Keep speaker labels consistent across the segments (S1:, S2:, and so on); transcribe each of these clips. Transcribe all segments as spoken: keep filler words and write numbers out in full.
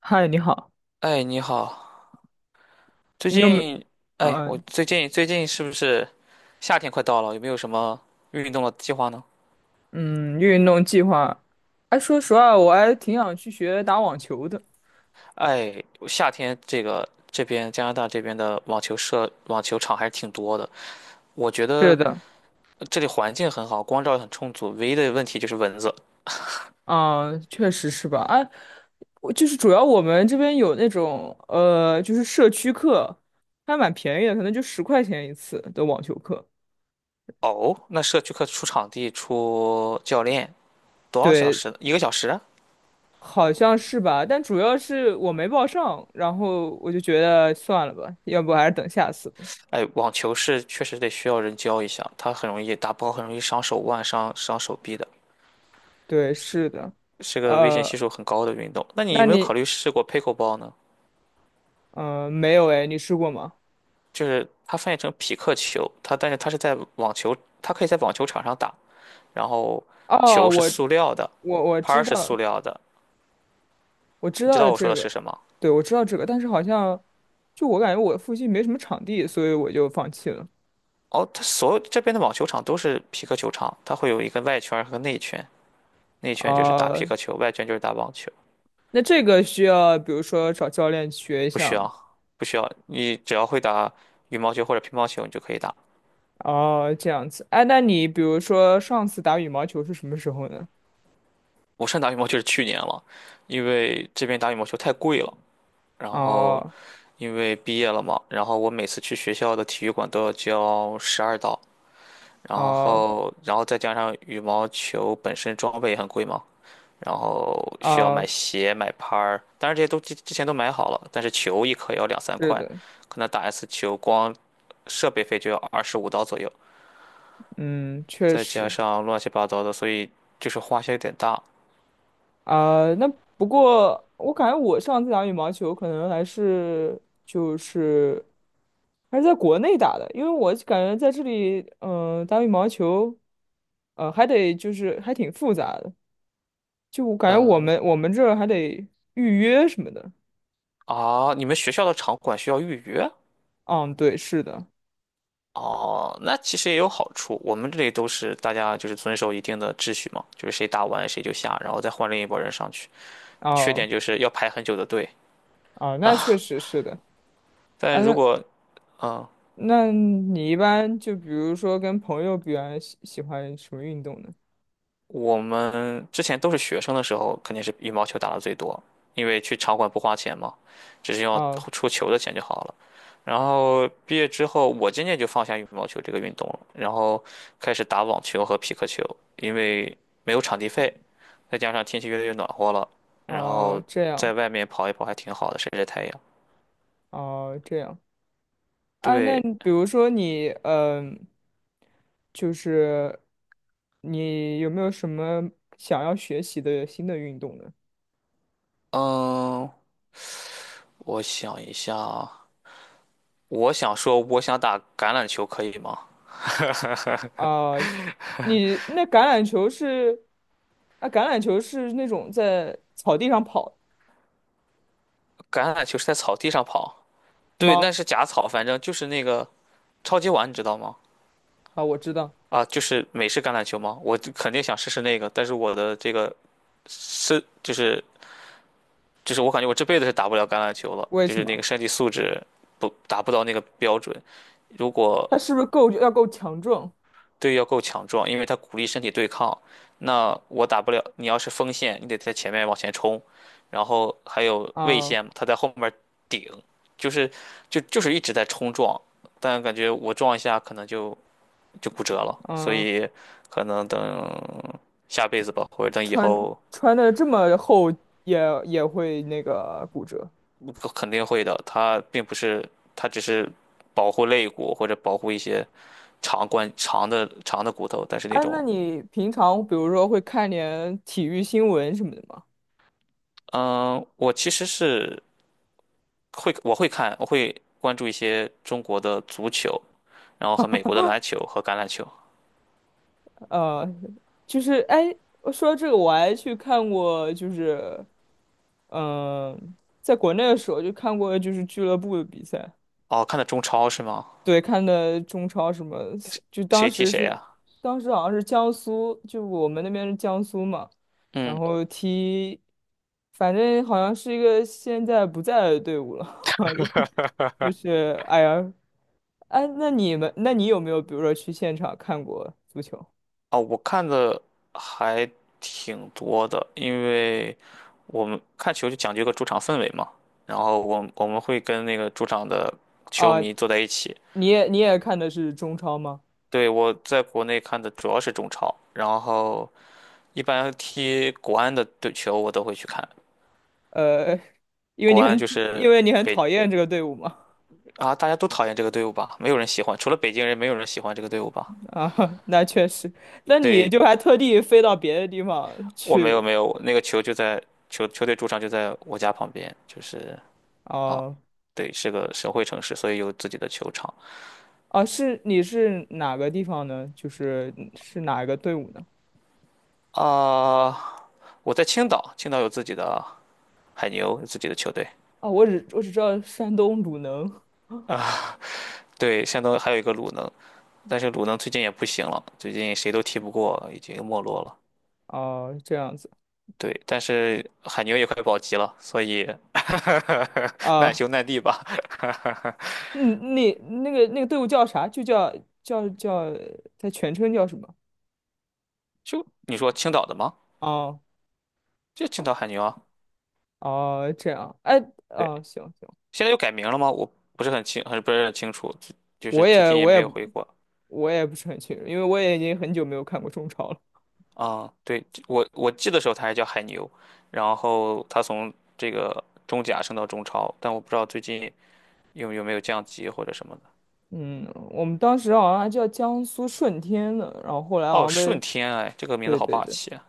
S1: 嗨，你好。
S2: 哎，你好。最
S1: 你有没
S2: 近，哎，
S1: 啊？
S2: 我最近最近是不是夏天快到了？有没有什么运动的计划呢？
S1: 嗯，运动计划。哎，说实话，我还挺想去学打网球的。
S2: 哎，夏天这个这边加拿大这边的网球社网球场还是挺多的。我觉
S1: 是
S2: 得
S1: 的。
S2: 这里环境很好，光照很充足，唯一的问题就是蚊子。
S1: 啊，确实是吧？哎，我就是主要我们这边有那种呃，就是社区课，还蛮便宜的，可能就十块钱一次的网球课。
S2: 哦，那社区课出场地、出教练，多少小
S1: 对，
S2: 时？一个小时啊？
S1: 好像是吧？但主要是我没报上，然后我就觉得算了吧，要不还是等下次吧。
S2: 哎，网球是确实得需要人教一下，它很容易打不好，很容易伤手腕、伤伤手臂的。
S1: 对，是的。
S2: 是个危险
S1: 呃，
S2: 系数很高的运动。那你
S1: 那
S2: 有没有考
S1: 你
S2: 虑试过 pickleball 呢？
S1: 呃没有。哎，你试过吗？
S2: 就是它翻译成匹克球，它但是它是在网球，它可以在网球场上打，然后
S1: 哦，
S2: 球是
S1: 我
S2: 塑料的，
S1: 我我
S2: 拍儿
S1: 知
S2: 是塑
S1: 道，
S2: 料的。
S1: 我知
S2: 你知
S1: 道
S2: 道我说
S1: 这
S2: 的
S1: 个。
S2: 是什么？
S1: 对，我知道这个，但是好像就我感觉我附近没什么场地，所以我就放弃了。
S2: 哦，它所有这边的网球场都是匹克球场，它会有一个外圈儿和内圈，内圈就是打匹
S1: 啊，
S2: 克球，外圈就是打网球。
S1: 那这个需要比如说找教练学一
S2: 不
S1: 下
S2: 需
S1: 吗？
S2: 要，不需要，你只要会打羽毛球或者乒乓球，你就可以打。
S1: 哦，这样子。哎，那你比如说上次打羽毛球是什么时候呢？
S2: 我上打羽毛球是去年了，因为这边打羽毛球太贵了，然后。
S1: 哦
S2: 因为毕业了嘛，然后我每次去学校的体育馆都要交十二刀，然
S1: 哦
S2: 后然后再加上羽毛球本身装备也很贵嘛，然后需要买
S1: 哦，
S2: 鞋、买拍儿，当然这些都之之前都买好了，但是球一颗也要两三
S1: 是
S2: 块，
S1: 的。
S2: 可能打一次球光设备费就要二十五刀左右，
S1: 嗯，确
S2: 再加
S1: 实。
S2: 上乱七八糟的，所以就是花销有点大。
S1: 啊，那不过我感觉我上次打羽毛球可能还是就是还是在国内打的，因为我感觉在这里，嗯、打羽毛球，呃，还得就是还挺复杂的，就我感觉我
S2: 嗯，
S1: 们我们这儿还得预约什么的。
S2: 啊，你们学校的场馆需要预约？
S1: 嗯，对，是的。
S2: 哦，那其实也有好处。我们这里都是大家就是遵守一定的秩序嘛，就是谁打完谁就下，然后再换另一拨人上去。缺
S1: 哦
S2: 点就是要排很久的队
S1: 哦，那确
S2: 啊。
S1: 实是的
S2: 但
S1: 啊。
S2: 如
S1: 那
S2: 果嗯，
S1: 那你一般就比如说跟朋友比完喜喜欢什么运动呢？
S2: 我们之前都是学生的时候，肯定是羽毛球打的最多，因为去场馆不花钱嘛，只是要
S1: 哦
S2: 出球的钱就好了。然后毕业之后，我渐渐就放下羽毛球这个运动了，然后开始打网球和匹克球，因为没有场地费，再加上天气越来越暖和了，然
S1: 哦，
S2: 后
S1: 这样。
S2: 在外面跑一跑还挺好的，晒晒太阳。
S1: 哦，这样。啊，那
S2: 对，
S1: 你比如说你，嗯、就是你有没有什么想要学习的新的运动呢？
S2: 嗯，我想一下啊，我想说，我想打橄榄球，可以吗？
S1: 啊，你那橄榄球是，啊，橄榄球是那种在草地上跑
S2: 橄榄球是在草地上跑。对，那
S1: 吗？
S2: 是假草，反正就是那个超级碗，你知道吗？
S1: 啊，我知道。
S2: 啊，就是美式橄榄球吗？我就肯定想试试那个，但是我的这个身就是就是我感觉我这辈子是打不了橄榄球了，
S1: 为
S2: 就
S1: 什
S2: 是那个
S1: 么？
S2: 身体素质不达不到那个标准。如果
S1: 它是不是够要够强壮？
S2: 队要够强壮，因为他鼓励身体对抗，那我打不了。你要是锋线，你得在前面往前冲，然后还有卫
S1: 啊，
S2: 线，他在后面顶，就是就就是一直在冲撞，但感觉我撞一下可能就就骨折了，所
S1: 嗯，
S2: 以可能等下辈子吧，或者等以
S1: 穿
S2: 后
S1: 穿的这么厚也也会那个骨折。
S2: 肯定会的。他并不是，他只是保护肋骨或者保护一些长关长的长的骨头，但是那
S1: 哎，那
S2: 种，
S1: 你平常比如说会看点体育新闻什么的吗？
S2: 嗯，我其实是会我会看，我会关注一些中国的足球，然后和美国的篮球和橄榄球。
S1: 呃，就是哎，我说到这个我还去看过，就是嗯、呃在国内的时候就看过就是俱乐部的比赛。
S2: 哦，看的中超是吗？
S1: 对，看的中超什么，就当
S2: 谁踢
S1: 时
S2: 谁
S1: 是
S2: 啊？
S1: 当时好像是江苏，就我们那边是江苏嘛，然
S2: 嗯。
S1: 后踢，反正好像是一个现在不在的队伍了，就是哎呀。哎，那你们那你有没有比如说去现场看过足球
S2: 啊，我看的还挺多的，因为我们看球就讲究一个主场氛围嘛。然后我我们会跟那个主场的球
S1: 啊？
S2: 迷坐在一起。
S1: 你也你也看的是中超吗？
S2: 对，我在国内看的主要是中超，然后一般踢国安的队球我都会去看。
S1: 呃，因为
S2: 国
S1: 你
S2: 安
S1: 很
S2: 就
S1: 因
S2: 是
S1: 为你很
S2: 北
S1: 讨厌这个队伍嘛。
S2: 啊，大家都讨厌这个队伍吧？没有人喜欢，除了北京人，没有人喜欢这个队伍吧？
S1: 啊，那确实，那你
S2: 对，
S1: 就还特地飞到别的地方
S2: 我没有
S1: 去
S2: 没有，那个球就在球球队主场就在我家旁边，就是。啊，
S1: 哦。
S2: 对，是个省会城市，所以有自己的球场
S1: 啊，是你是哪个地方呢？就是是哪个队伍呢？
S2: 啊。我在青岛，青岛有自己的海牛，有自己的球队
S1: 啊，我只我只知道山东鲁能。
S2: 啊。对，山东还有一个鲁能，但是鲁能最近也不行了，最近谁都踢不过，已经没落了。
S1: 哦，这样子
S2: 对，但是海牛也快保级了，所以 难
S1: 啊。
S2: 兄难弟吧。
S1: 嗯，那那个那个队伍叫啥？就叫叫叫，它全称叫什么？
S2: 就你说青岛的吗？
S1: 哦
S2: 就青岛海牛啊。
S1: 哦，这样，哎，
S2: 对，
S1: 哦，行行，
S2: 现在又改名了吗？我不是很清，很不是很清楚，就就是
S1: 我
S2: 最
S1: 也
S2: 近也
S1: 我
S2: 没
S1: 也
S2: 有回国。
S1: 我也不是很清楚，因为我也已经很久没有看过中超了。
S2: 啊，对，我我记得时候他还叫海牛，然后他从这个中甲升到中超，但我不知道最近有有没有降级或者什么的。
S1: 嗯，我们当时好像还叫江苏舜天呢，然后后来好
S2: 哦，
S1: 像
S2: 顺
S1: 被，
S2: 天，哎，这个名字
S1: 对
S2: 好
S1: 对
S2: 霸
S1: 对，
S2: 气啊！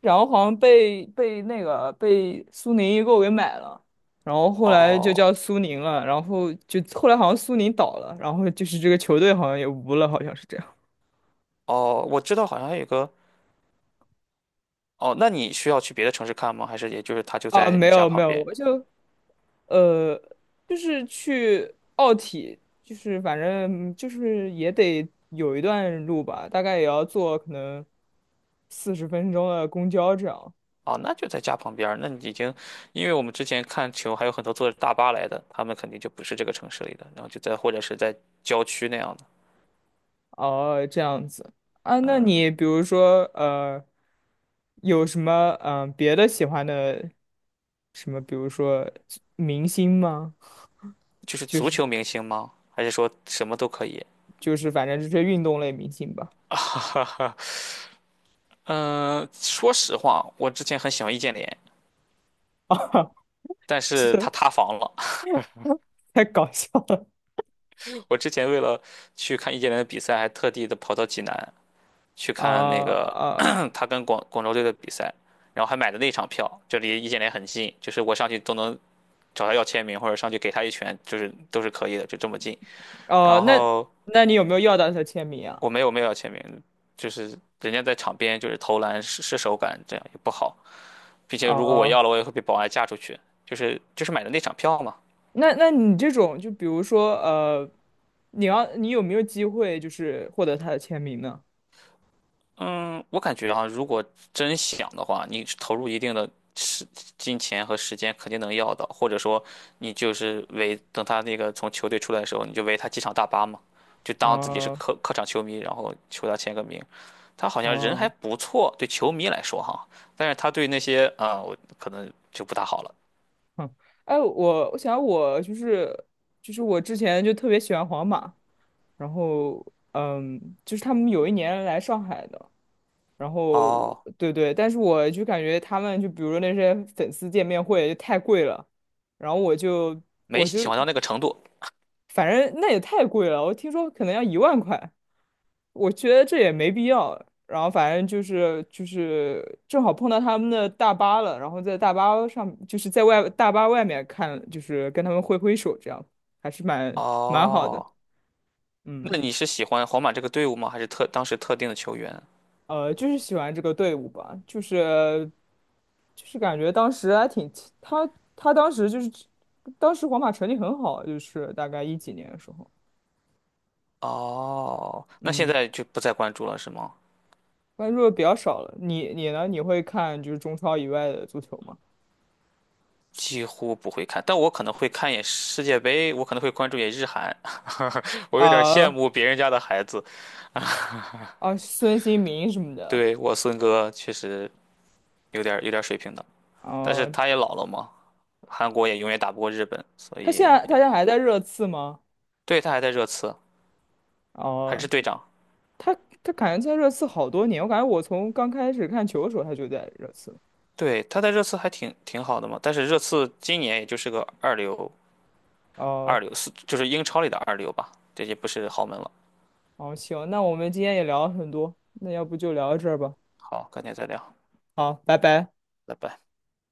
S1: 然后好像被被那个被苏宁易购给买了，然后后来就叫
S2: 哦
S1: 苏宁了，然后就后来好像苏宁倒了，然后就是这个球队好像也无了，好像是这样。
S2: 哦，我知道，好像还有个。哦，那你需要去别的城市看吗？还是也就是他就
S1: 啊，
S2: 在
S1: 没
S2: 你家
S1: 有没
S2: 旁
S1: 有。
S2: 边？
S1: 我就呃，就是去奥体，就是反正就是也得有一段路吧，大概也要坐可能四十分钟的公交这样。
S2: 哦，那就在家旁边儿那你已经，因为我们之前看球还有很多坐着大巴来的，他们肯定就不是这个城市里的，然后就在或者是在郊区那样的。
S1: 哦，这样子啊，那你
S2: 嗯。
S1: 比如说呃，有什么嗯、呃别的喜欢的什么，比如说明星吗？
S2: 就是足球明星吗？还是说什么都可以？
S1: 就是反正就是运动类明星吧。
S2: 嗯，说实话，我之前很喜欢易建联，
S1: 啊，
S2: 但
S1: 是
S2: 是他塌房了。
S1: 太搞笑了。
S2: 我之前为了去看易建联的比赛，还特地的跑到济南去
S1: 啊
S2: 看那个
S1: 啊
S2: 他跟广广州队的比赛，然后还买的那场票，就离易建联很近，就是我上去都能找他要签名，或者上去给他一拳，就是都是可以的，就这么近。
S1: 哦，
S2: 然
S1: 那
S2: 后
S1: 那你有没有要到他签名啊？
S2: 我没有没有要签名，就是人家在场边就是投篮试失手感，这样也不好。并且如果我
S1: 哦，
S2: 要了，我也会被保安架出去。就是就是买的那场票嘛。
S1: 那那你这种，就比如说，呃，你要你有没有机会就是获得他的签名呢？
S2: 嗯，我感觉啊，如果真想的话，你投入一定的时金钱和时间，肯定能要到。或者说，你就是为等他那个从球队出来的时候，你就为他机场大巴嘛，就当自己是
S1: 啊
S2: 客客场球迷，然后求他签个名。他好像人还
S1: 啊，
S2: 不错，对球迷来说哈，但是他对那些啊、呃我可能就不大好了。
S1: 哼，哎，我我想我就是就是我之前就特别喜欢皇马，然后嗯，就是他们有一年来上海的，然后
S2: 哦，
S1: 对对，但是我就感觉他们就比如说那些粉丝见面会就太贵了，然后我就
S2: 没
S1: 我就
S2: 喜欢到那个程度。
S1: 反正那也太贵了，我听说可能要一万块。我觉得这也没必要。然后反正就是就是正好碰到他们的大巴了，然后在大巴上就是在外大巴外面看，就是跟他们挥挥手，这样还是蛮蛮好的。
S2: 哦。
S1: 嗯，
S2: 那你是喜欢皇马这个队伍吗？还是特当时特定的球员？
S1: 呃，就是喜欢这个队伍吧，就是就是感觉当时还挺他他当时就是当时皇马成绩很好，就是大概一几年的时候。
S2: 哦，那现
S1: 嗯，
S2: 在就不再关注了是吗？
S1: 关注的比较少了。你你呢？你会看就是中超以外的足球吗？
S2: 几乎不会看，但我可能会看一眼世界杯，我可能会关注一眼日韩。我有点羡
S1: 啊，
S2: 慕别人家的孩子。
S1: 啊，孙兴民什么的。
S2: 对，我孙哥确实有点有点水平的，但是
S1: 哦，
S2: 他也老了嘛，韩国也永远打不过日本，所
S1: 他现
S2: 以
S1: 在他现在还在热刺吗？
S2: 对，他还在热刺，还是
S1: 哦，
S2: 队长。
S1: 他他感觉在热刺好多年，我感觉我从刚开始看球的时候他就在热刺。
S2: 对，他在热刺还挺挺好的嘛，但是热刺今年也就是个二流，二
S1: 哦，
S2: 流是就是英超里的二流吧，这些不是豪门了。
S1: 哦，行，那我们今天也聊了很多，那要不就聊到这儿吧。
S2: 好，改天再聊，
S1: 好，拜拜。
S2: 拜拜。